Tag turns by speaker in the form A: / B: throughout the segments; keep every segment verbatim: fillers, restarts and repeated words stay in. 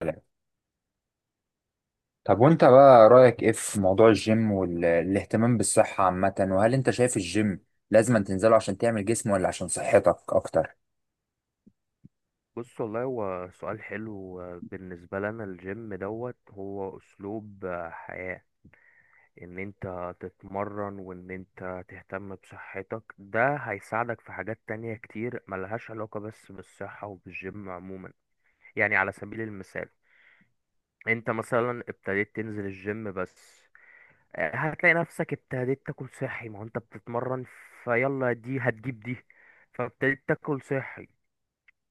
A: سلام. طب وانت بقى رأيك ايه في موضوع الجيم والاهتمام بالصحة عامة، وهل انت شايف الجيم لازم تنزله عشان تعمل جسم ولا عشان صحتك اكتر؟
B: بص والله، هو سؤال حلو. آه، بالنسبة لنا الجيم دوت هو أسلوب آه، حياة. إن أنت تتمرن وإن أنت تهتم بصحتك، ده هيساعدك في حاجات تانية كتير ملهاش علاقة بس بالصحة وبالجيم عموما. يعني على سبيل المثال، أنت مثلا ابتديت تنزل الجيم بس، آه، هتلاقي نفسك ابتديت تاكل صحي، ما هو أنت بتتمرن. فيلا دي هتجيب دي، فابتديت تاكل صحي.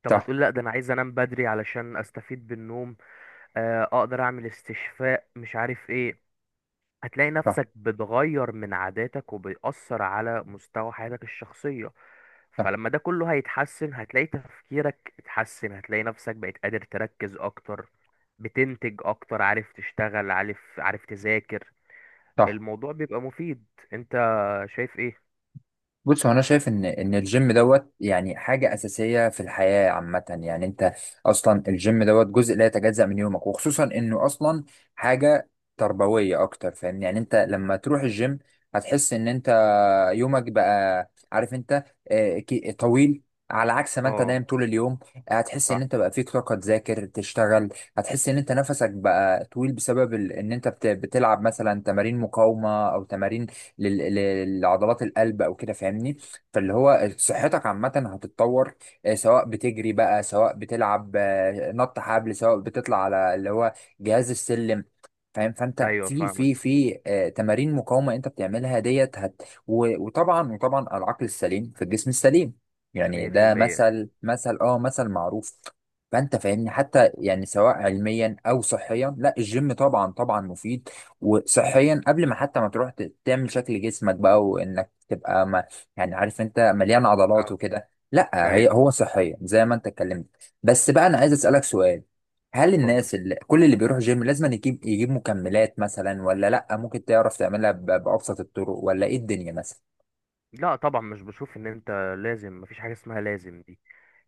B: طب
A: صح،
B: هتقول لا، ده انا عايز انام بدري علشان استفيد بالنوم، آه، اقدر اعمل استشفاء مش عارف ايه. هتلاقي
A: صح،
B: نفسك بتغير من عاداتك وبيأثر على مستوى حياتك الشخصية.
A: صح،
B: فلما ده كله هيتحسن، هتلاقي تفكيرك اتحسن، هتلاقي نفسك بقيت قادر تركز اكتر، بتنتج اكتر، عارف تشتغل، عارف عارف تذاكر.
A: صح.
B: الموضوع بيبقى مفيد. انت شايف ايه؟
A: بص، هو انا شايف ان ان الجيم دوت يعني حاجه اساسيه في الحياه عامه، يعني انت اصلا الجيم دوت جزء لا يتجزأ من يومك، وخصوصا انه اصلا حاجه تربويه اكتر. فاهمني؟ يعني انت لما تروح الجيم هتحس ان انت يومك بقى عارف انت آه، كي- طويل، على عكس ما انت
B: اه،
A: نايم طول اليوم. هتحس ان
B: صح،
A: انت بقى فيك طاقة تذاكر تشتغل. هتحس ان انت نفسك بقى طويل بسبب ال- ان انت بت- بتلعب مثلا تمارين مقاومة او تمارين لل- لل- لعضلات القلب او كده. فاهمني؟ فاللي هو صحتك عامة هتتطور، آه، سواء بتجري بقى، سواء بتلعب آه، نط حبل، سواء بتطلع على اللي هو جهاز السلم. فاهم؟ فانت
B: ايوه
A: في في
B: فاهمك.
A: في آه، تمارين مقاومه انت بتعملها ديت. و- وطبعا وطبعا العقل السليم في الجسم السليم، يعني ده
B: مية في المية.
A: مثل مثل اه مثل معروف. فانت فاهمني؟ حتى يعني سواء علميا او صحيا، لا الجيم طبعا طبعا مفيد. وصحيا قبل ما حتى ما تروح ت- تعمل شكل جسمك بقى، وانك تبقى ما يعني عارف انت مليان عضلات
B: اه،
A: وكده، لا
B: ايوه،
A: هي هو صحيا زي ما انت اتكلمت. بس بقى انا عايز اسالك سؤال، هل
B: اتفضل.
A: الناس اللي كل اللي بيروح جيم لازم أن يجيب يجيب مكملات مثلا، ولا لا ممكن تعرف تعملها ب- بابسط الطرق، ولا ايه الدنيا مثلا؟
B: لا طبعا، مش بشوف ان انت لازم. مفيش حاجه اسمها لازم دي.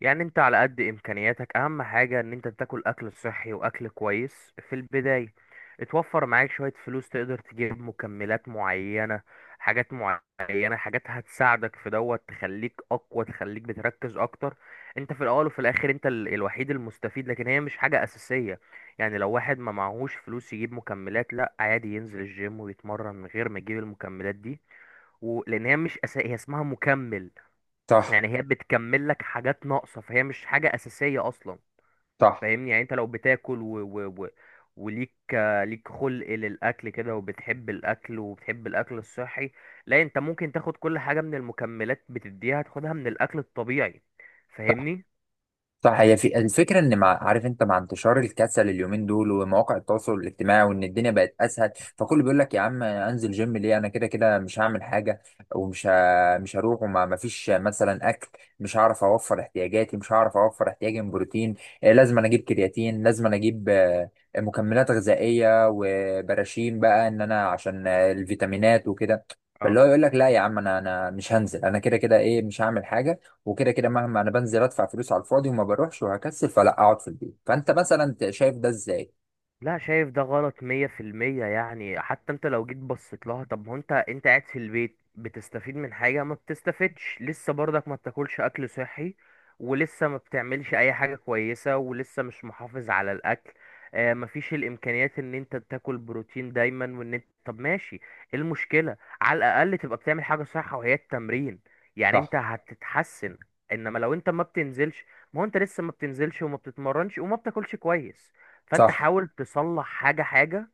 B: يعني انت على قد امكانياتك، اهم حاجه ان انت تاكل اكل صحي واكل كويس في البدايه. اتوفر معاك شويه فلوس، تقدر تجيب مكملات معينه، حاجات معينه، حاجات هتساعدك في دوت، تخليك اقوى، تخليك بتركز اكتر. انت في الاول وفي الاخر انت ال- الوحيد المستفيد، لكن هي مش حاجه اساسيه. يعني لو واحد ما معهوش فلوس يجيب مكملات، لا عادي ينزل الجيم ويتمرن من غير ما يجيب المكملات دي. و... لان هي مش أسا... هي اسمها مكمل.
A: صح،
B: يعني هي بتكمل لك حاجات ناقصه، فهي مش حاجه اساسيه اصلا.
A: صح،
B: فاهمني. يعني انت لو بتاكل و... و... و... وليك آه، ليك خلق للاكل كده، وبتحب الاكل وبتحب الاكل الصحي. لا انت ممكن تاخد كل حاجه من المكملات بتديها، تاخدها من الاكل الطبيعي. فاهمني.
A: صح. هي في الفكره، ان مع عارف انت، مع انتشار الكسل اليومين دول ومواقع التواصل الاجتماعي وان الدنيا بقت اسهل، فكله بيقول لك يا عم، انزل جيم ليه؟ انا كده كده مش هعمل حاجه، ومش ه... مش هروح، وما ما فيش مثلا اكل، مش هعرف اوفر احتياجاتي، مش هعرف اوفر احتياجي من بروتين. آه، لازم أنا اجيب كرياتين، لازم أنا اجيب آه، مكملات غذائيه وبراشين بقى ان انا عشان آه، الفيتامينات وكده. فاللي هو يقول لك لا يا عم، انا انا مش هنزل، انا كده كده ايه مش هعمل حاجه، وكده كده مهما انا بنزل ادفع فلوس على الفاضي وما بروحش وهكسل، فلا اقعد في البيت. فانت مثلا شايف ده ازاي؟
B: لا، شايف ده غلط مية في المية. يعني حتى انت لو جيت بصيت لها، طب ما هو انت انت قاعد في البيت، بتستفيد من حاجة؟ ما بتستفدش، لسه برضك ما بتاكلش أكل صحي، ولسه ما بتعملش أي حاجة كويسة، ولسه مش محافظ على الأكل. آه مفيش الإمكانيات إن انت تاكل بروتين دايما، وإن انت. طب ماشي، ايه المشكلة؟ على الأقل تبقى بتعمل حاجة صح، وهي التمرين. يعني
A: صح،
B: انت هتتحسن. انما لو انت ما بتنزلش، ما هو انت لسه ما بتنزلش وما بتتمرنش وما بتاكلش كويس، فانت
A: صح.
B: حاول تصلح حاجة حاجة.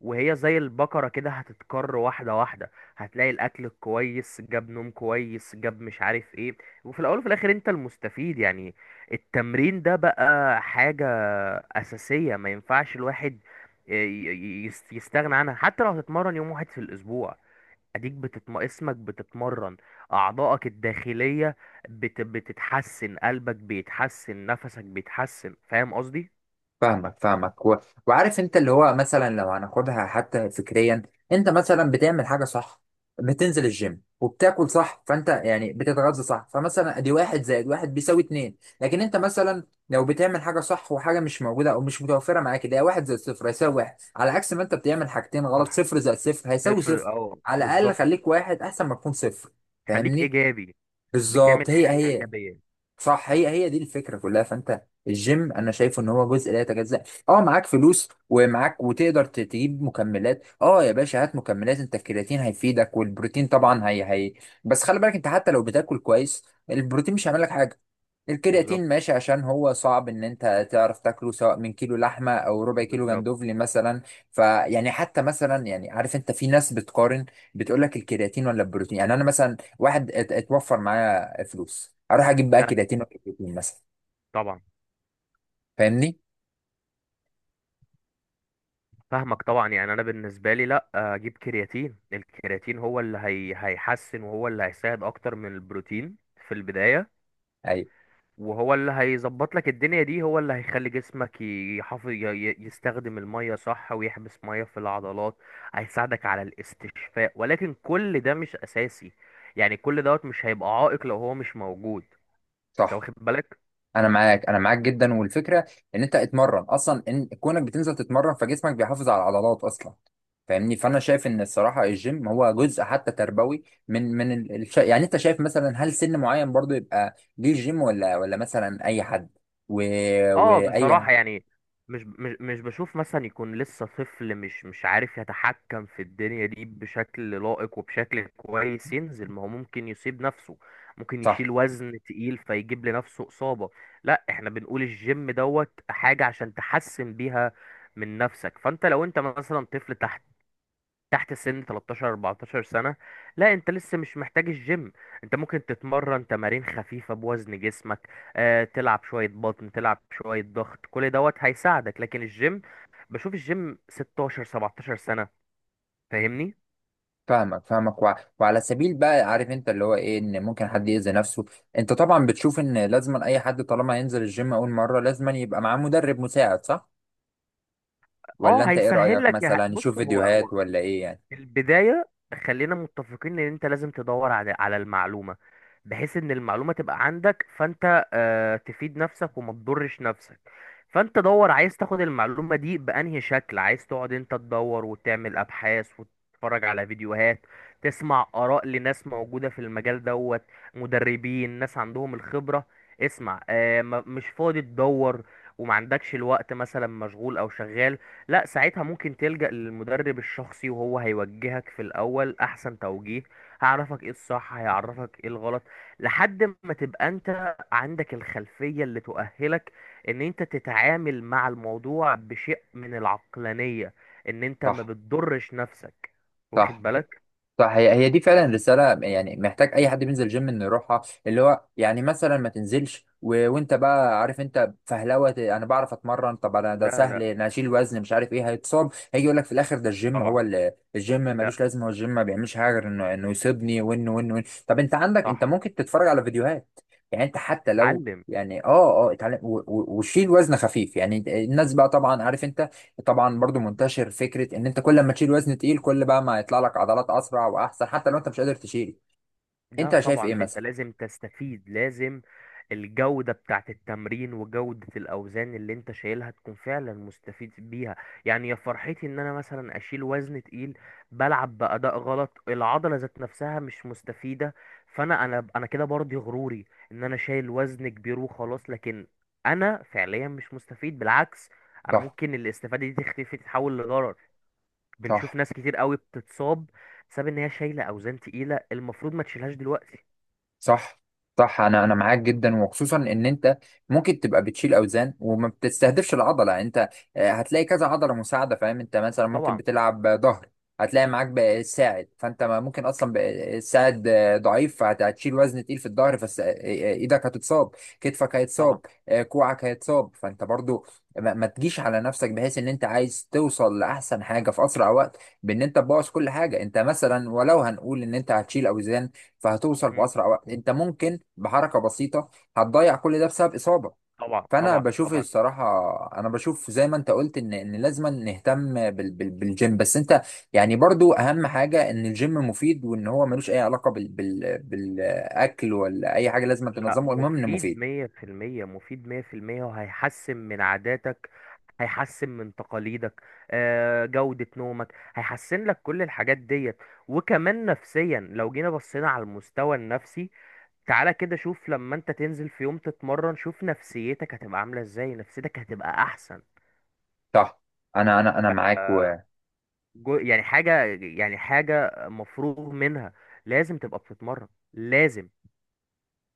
B: وهي زي البقرة كده هتتكر واحدة واحدة. هتلاقي الأكل كويس جاب، نوم كويس جاب، مش عارف ايه. وفي الأول وفي الآخر انت المستفيد يعني. التمرين ده بقى حاجة أساسية، ما ينفعش الواحد ي- ي- يس- يستغنى عنها، حتى لو هتتمرن يوم واحد في الأسبوع. اديك بتتم... اسمك بتتمرن، اعضائك الداخلية بت... بتتحسن، قلبك بيتحسن، نفسك بيتحسن. فاهم قصدي؟
A: فاهمك، فاهمك. و... وعارف انت اللي هو مثلا لو هناخدها حتى فكريا، انت مثلا بتعمل حاجه صح، بتنزل الجيم وبتاكل صح، فانت يعني بتتغذى صح، فمثلا ادي واحد زائد واحد بيساوي اتنين. لكن انت مثلا لو بتعمل حاجه صح وحاجه مش موجوده او مش متوفره معاك، ده واحد زائد صفر هيساوي واحد، على عكس ما انت بتعمل حاجتين غلط،
B: صح.
A: صفر زائد صفر هيساوي
B: تفرق،
A: صفر.
B: اه،
A: على الاقل
B: بالظبط.
A: خليك واحد احسن ما تكون صفر.
B: خليك
A: فاهمني؟
B: ايجابي.
A: بالظبط،
B: بتعمل
A: هي
B: حاجه
A: هي.
B: ايجابيه.
A: صح، هي هي دي الفكره كلها، فانت الجيم انا شايفه ان هو جزء لا يتجزأ. اه، معاك فلوس ومعاك وتقدر ت- تجيب مكملات، اه يا باشا هات مكملات، انت الكرياتين هيفيدك والبروتين طبعا، هي هي. بس خلي بالك انت حتى لو بتاكل كويس البروتين مش هيعمل لك حاجه.
B: بالظبط،
A: الكرياتين ماشي عشان هو صعب ان انت تعرف تاكله سواء من كيلو لحمه او ربع كيلو
B: بالظبط.
A: جندوفلي مثلا. فيعني حتى مثلا يعني عارف انت، في ناس بتقارن بتقول لك الكرياتين ولا البروتين؟ يعني انا مثلا واحد ات- اتوفر معايا فلوس، اروح اجيب بقى
B: ده
A: كرياتين ولا بروتين مثلا؟
B: طبعا.
A: فاهمني؟
B: فاهمك طبعا. يعني انا بالنسبه لي، لا اجيب كرياتين. الكرياتين هو اللي هي هيحسن، وهو اللي هيساعد اكتر من البروتين في البدايه.
A: ايوه،
B: وهو اللي هيظبط لك الدنيا دي، هو اللي هيخلي جسمك يحافظ ي- ي- يستخدم الميه صح، ويحبس ميه في العضلات. هيساعدك على الاستشفاء، ولكن كل ده مش اساسي. يعني كل دوت مش هيبقى عائق لو هو مش موجود. انت
A: صح.
B: واخد بالك.
A: انا معاك، انا معاك جدا. والفكره ان انت اتمرن اصلا، ان كونك بتنزل تتمرن فجسمك بيحافظ على العضلات اصلا. فاهمني؟ فانا شايف ان الصراحه الجيم هو جزء حتى تربوي. من من ال- الش... يعني انت شايف مثلا هل سن معين برضو يبقى ليه جيم، ولا ولا مثلا اي حد؟ و...
B: اه،
A: واي؟
B: بصراحة يعني مش مش مش بشوف مثلا يكون لسه طفل مش مش عارف يتحكم في الدنيا دي بشكل لائق وبشكل كويس، ينزل. ما هو ممكن يصيب نفسه، ممكن
A: صح،
B: يشيل وزن تقيل فيجيب لنفسه إصابة. لا، احنا بنقول الجيم دوت حاجة عشان تحسن بيها من نفسك. فانت لو انت مثلا طفل تحت تحت سن تلتاشر اربعتاشر سنة، لا انت لسه مش محتاج الجيم. انت ممكن تتمرن تمارين خفيفة بوزن جسمك، اه تلعب شوية بطن، تلعب شوية ضغط، كل دوت هيساعدك، لكن الجيم بشوف الجيم ستة عشر سبعتاشر سنة. فاهمني.
A: فاهمك، فاهمك. وع وعلى سبيل بقى عارف انت اللي هو ايه، ان ممكن حد يأذي نفسه. انت طبعا بتشوف ان لازم اي حد طالما ينزل الجيم اول مرة لازم يبقى معاه مدرب مساعد، صح؟ ولا
B: اه،
A: انت ايه
B: هيسهل
A: رأيك،
B: لك. يا
A: مثلا يشوف
B: بص، هو
A: فيديوهات ولا ايه يعني؟
B: البداية. خلينا متفقين ان انت لازم تدور على على المعلومة، بحيث ان المعلومة تبقى عندك، فانت آه، تفيد نفسك وما تضرش نفسك. فانت دور، عايز تاخد المعلومة دي بأنهي شكل، عايز تقعد انت تدور وتعمل ابحاث وتتفرج على فيديوهات، تسمع آراء لناس موجودة في المجال دوت، مدربين، ناس عندهم الخبرة، اسمع. آه، ما- مش فاضي تدور وما عندكش الوقت، مثلا مشغول او شغال، لا ساعتها ممكن تلجأ للمدرب الشخصي، وهو هيوجهك في الأول أحسن توجيه. هيعرفك ايه الصح، هيعرفك ايه الغلط، لحد ما تبقى انت عندك الخلفية اللي تؤهلك ان انت تتعامل مع الموضوع بشيء من العقلانية، ان انت ما
A: صح،
B: بتضرش نفسك. واخد
A: صح،
B: بالك.
A: صح. هي هي دي فعلا رسالة، يعني محتاج أي حد بينزل جيم إنه يروحها. اللي هو يعني مثلا ما تنزلش و... وأنت بقى عارف أنت فهلوة، أنا بعرف أتمرن. طب أنا ده
B: لا
A: سهل،
B: لا
A: أنا أشيل وزن مش عارف إيه، هيتصاب. هيجي يقول لك في الآخر ده الجيم
B: طبعا.
A: هو ال... الجيم
B: لا.
A: ملوش لازمة، هو الجيم ما بيعملش حاجة غير إنه إنه يصيبني، وإنه وإنه وإنه. طب أنت عندك، أنت
B: صح.
A: ممكن تتفرج على فيديوهات. يعني أنت حتى لو
B: تتعلم.
A: يعني اه اه اتعلم و- و- وشيل وزن خفيف. يعني الناس بقى طبعا عارف انت، طبعا برضو منتشر فكره ان انت كل ما تشيل وزن تقيل كل بقى ما يطلع لك عضلات اسرع واحسن، حتى لو انت مش قادر تشيل.
B: لا
A: انت شايف ايه
B: طبعا، انت
A: مثلا؟
B: لازم تستفيد. لازم. الجودة بتاعت التمرين وجودة الأوزان اللي انت شايلها تكون فعلا مستفيد بيها. يعني يا فرحتي ان انا مثلا اشيل وزن تقيل، بلعب بأداء غلط، العضلة ذات نفسها مش مستفيدة. فانا انا انا كده برضي غروري، ان انا شايل وزن كبير وخلاص، لكن انا فعليا مش مستفيد. بالعكس، انا
A: صح،
B: ممكن الاستفادة دي تختفي تتحول لضرر. بنشوف
A: صح،
B: ناس كتير قوي بتتصاب، بسبب ان هي شايله اوزان تقيله المفروض ما تشيلهاش دلوقتي.
A: صح، صح. انا انا معاك جدا، وخصوصا ان انت ممكن تبقى بتشيل اوزان وما بتستهدفش العضله. انت آه، هتلاقي كذا عضله مساعده. فاهم؟ انت مثلا ممكن
B: طبعا،
A: بتلعب ظهر، هتلاقي معاك بقى ساعد، فانت ما ممكن اصلا بقى الساعد آه، ضعيف، فهتشيل وزن تقيل في الظهر، فس آه، آه، ايدك هتتصاب، كتفك
B: طبعا.
A: هيتصاب، آه، كوعك هيتصاب. فانت برضو ما ما تجيش على نفسك بحيث ان انت عايز توصل لاحسن حاجه في اسرع وقت، بان انت تبوظ كل حاجه. انت مثلا، ولو هنقول ان انت هتشيل اوزان فهتوصل
B: مم.
A: بأسرع وقت، انت ممكن بحركة بسيطة هتضيع كل ده بسبب إصابة.
B: طبعا،
A: فأنا
B: طبعا،
A: بشوف
B: طبعا.
A: الصراحة، أنا بشوف زي ما أنت قلت، إن إن لازم نهتم بال بال بالجيم. بس أنت يعني برضو أهم حاجة إن الجيم مفيد، وإن هو ملوش أي علاقة بال بال بالأكل ولا أي حاجة لازم
B: لا،
A: تنظمه، المهم إنه
B: مفيد
A: مفيد.
B: مية في المية. مفيد مية في المية، وهيحسن من عاداتك، هيحسن من تقاليدك. آه، جودة نومك هيحسن لك كل الحاجات ديت. وكمان نفسيا، لو جينا بصينا على المستوى النفسي، تعالى كده شوف لما انت تنزل في يوم تتمرن، شوف نفسيتك هتبقى عاملة ازاي. نفسيتك هتبقى احسن.
A: صح، أنا أنا أنا معاك.
B: جو، يعني حاجة، يعني حاجة مفروغ منها. لازم تبقى بتتمرن. لازم.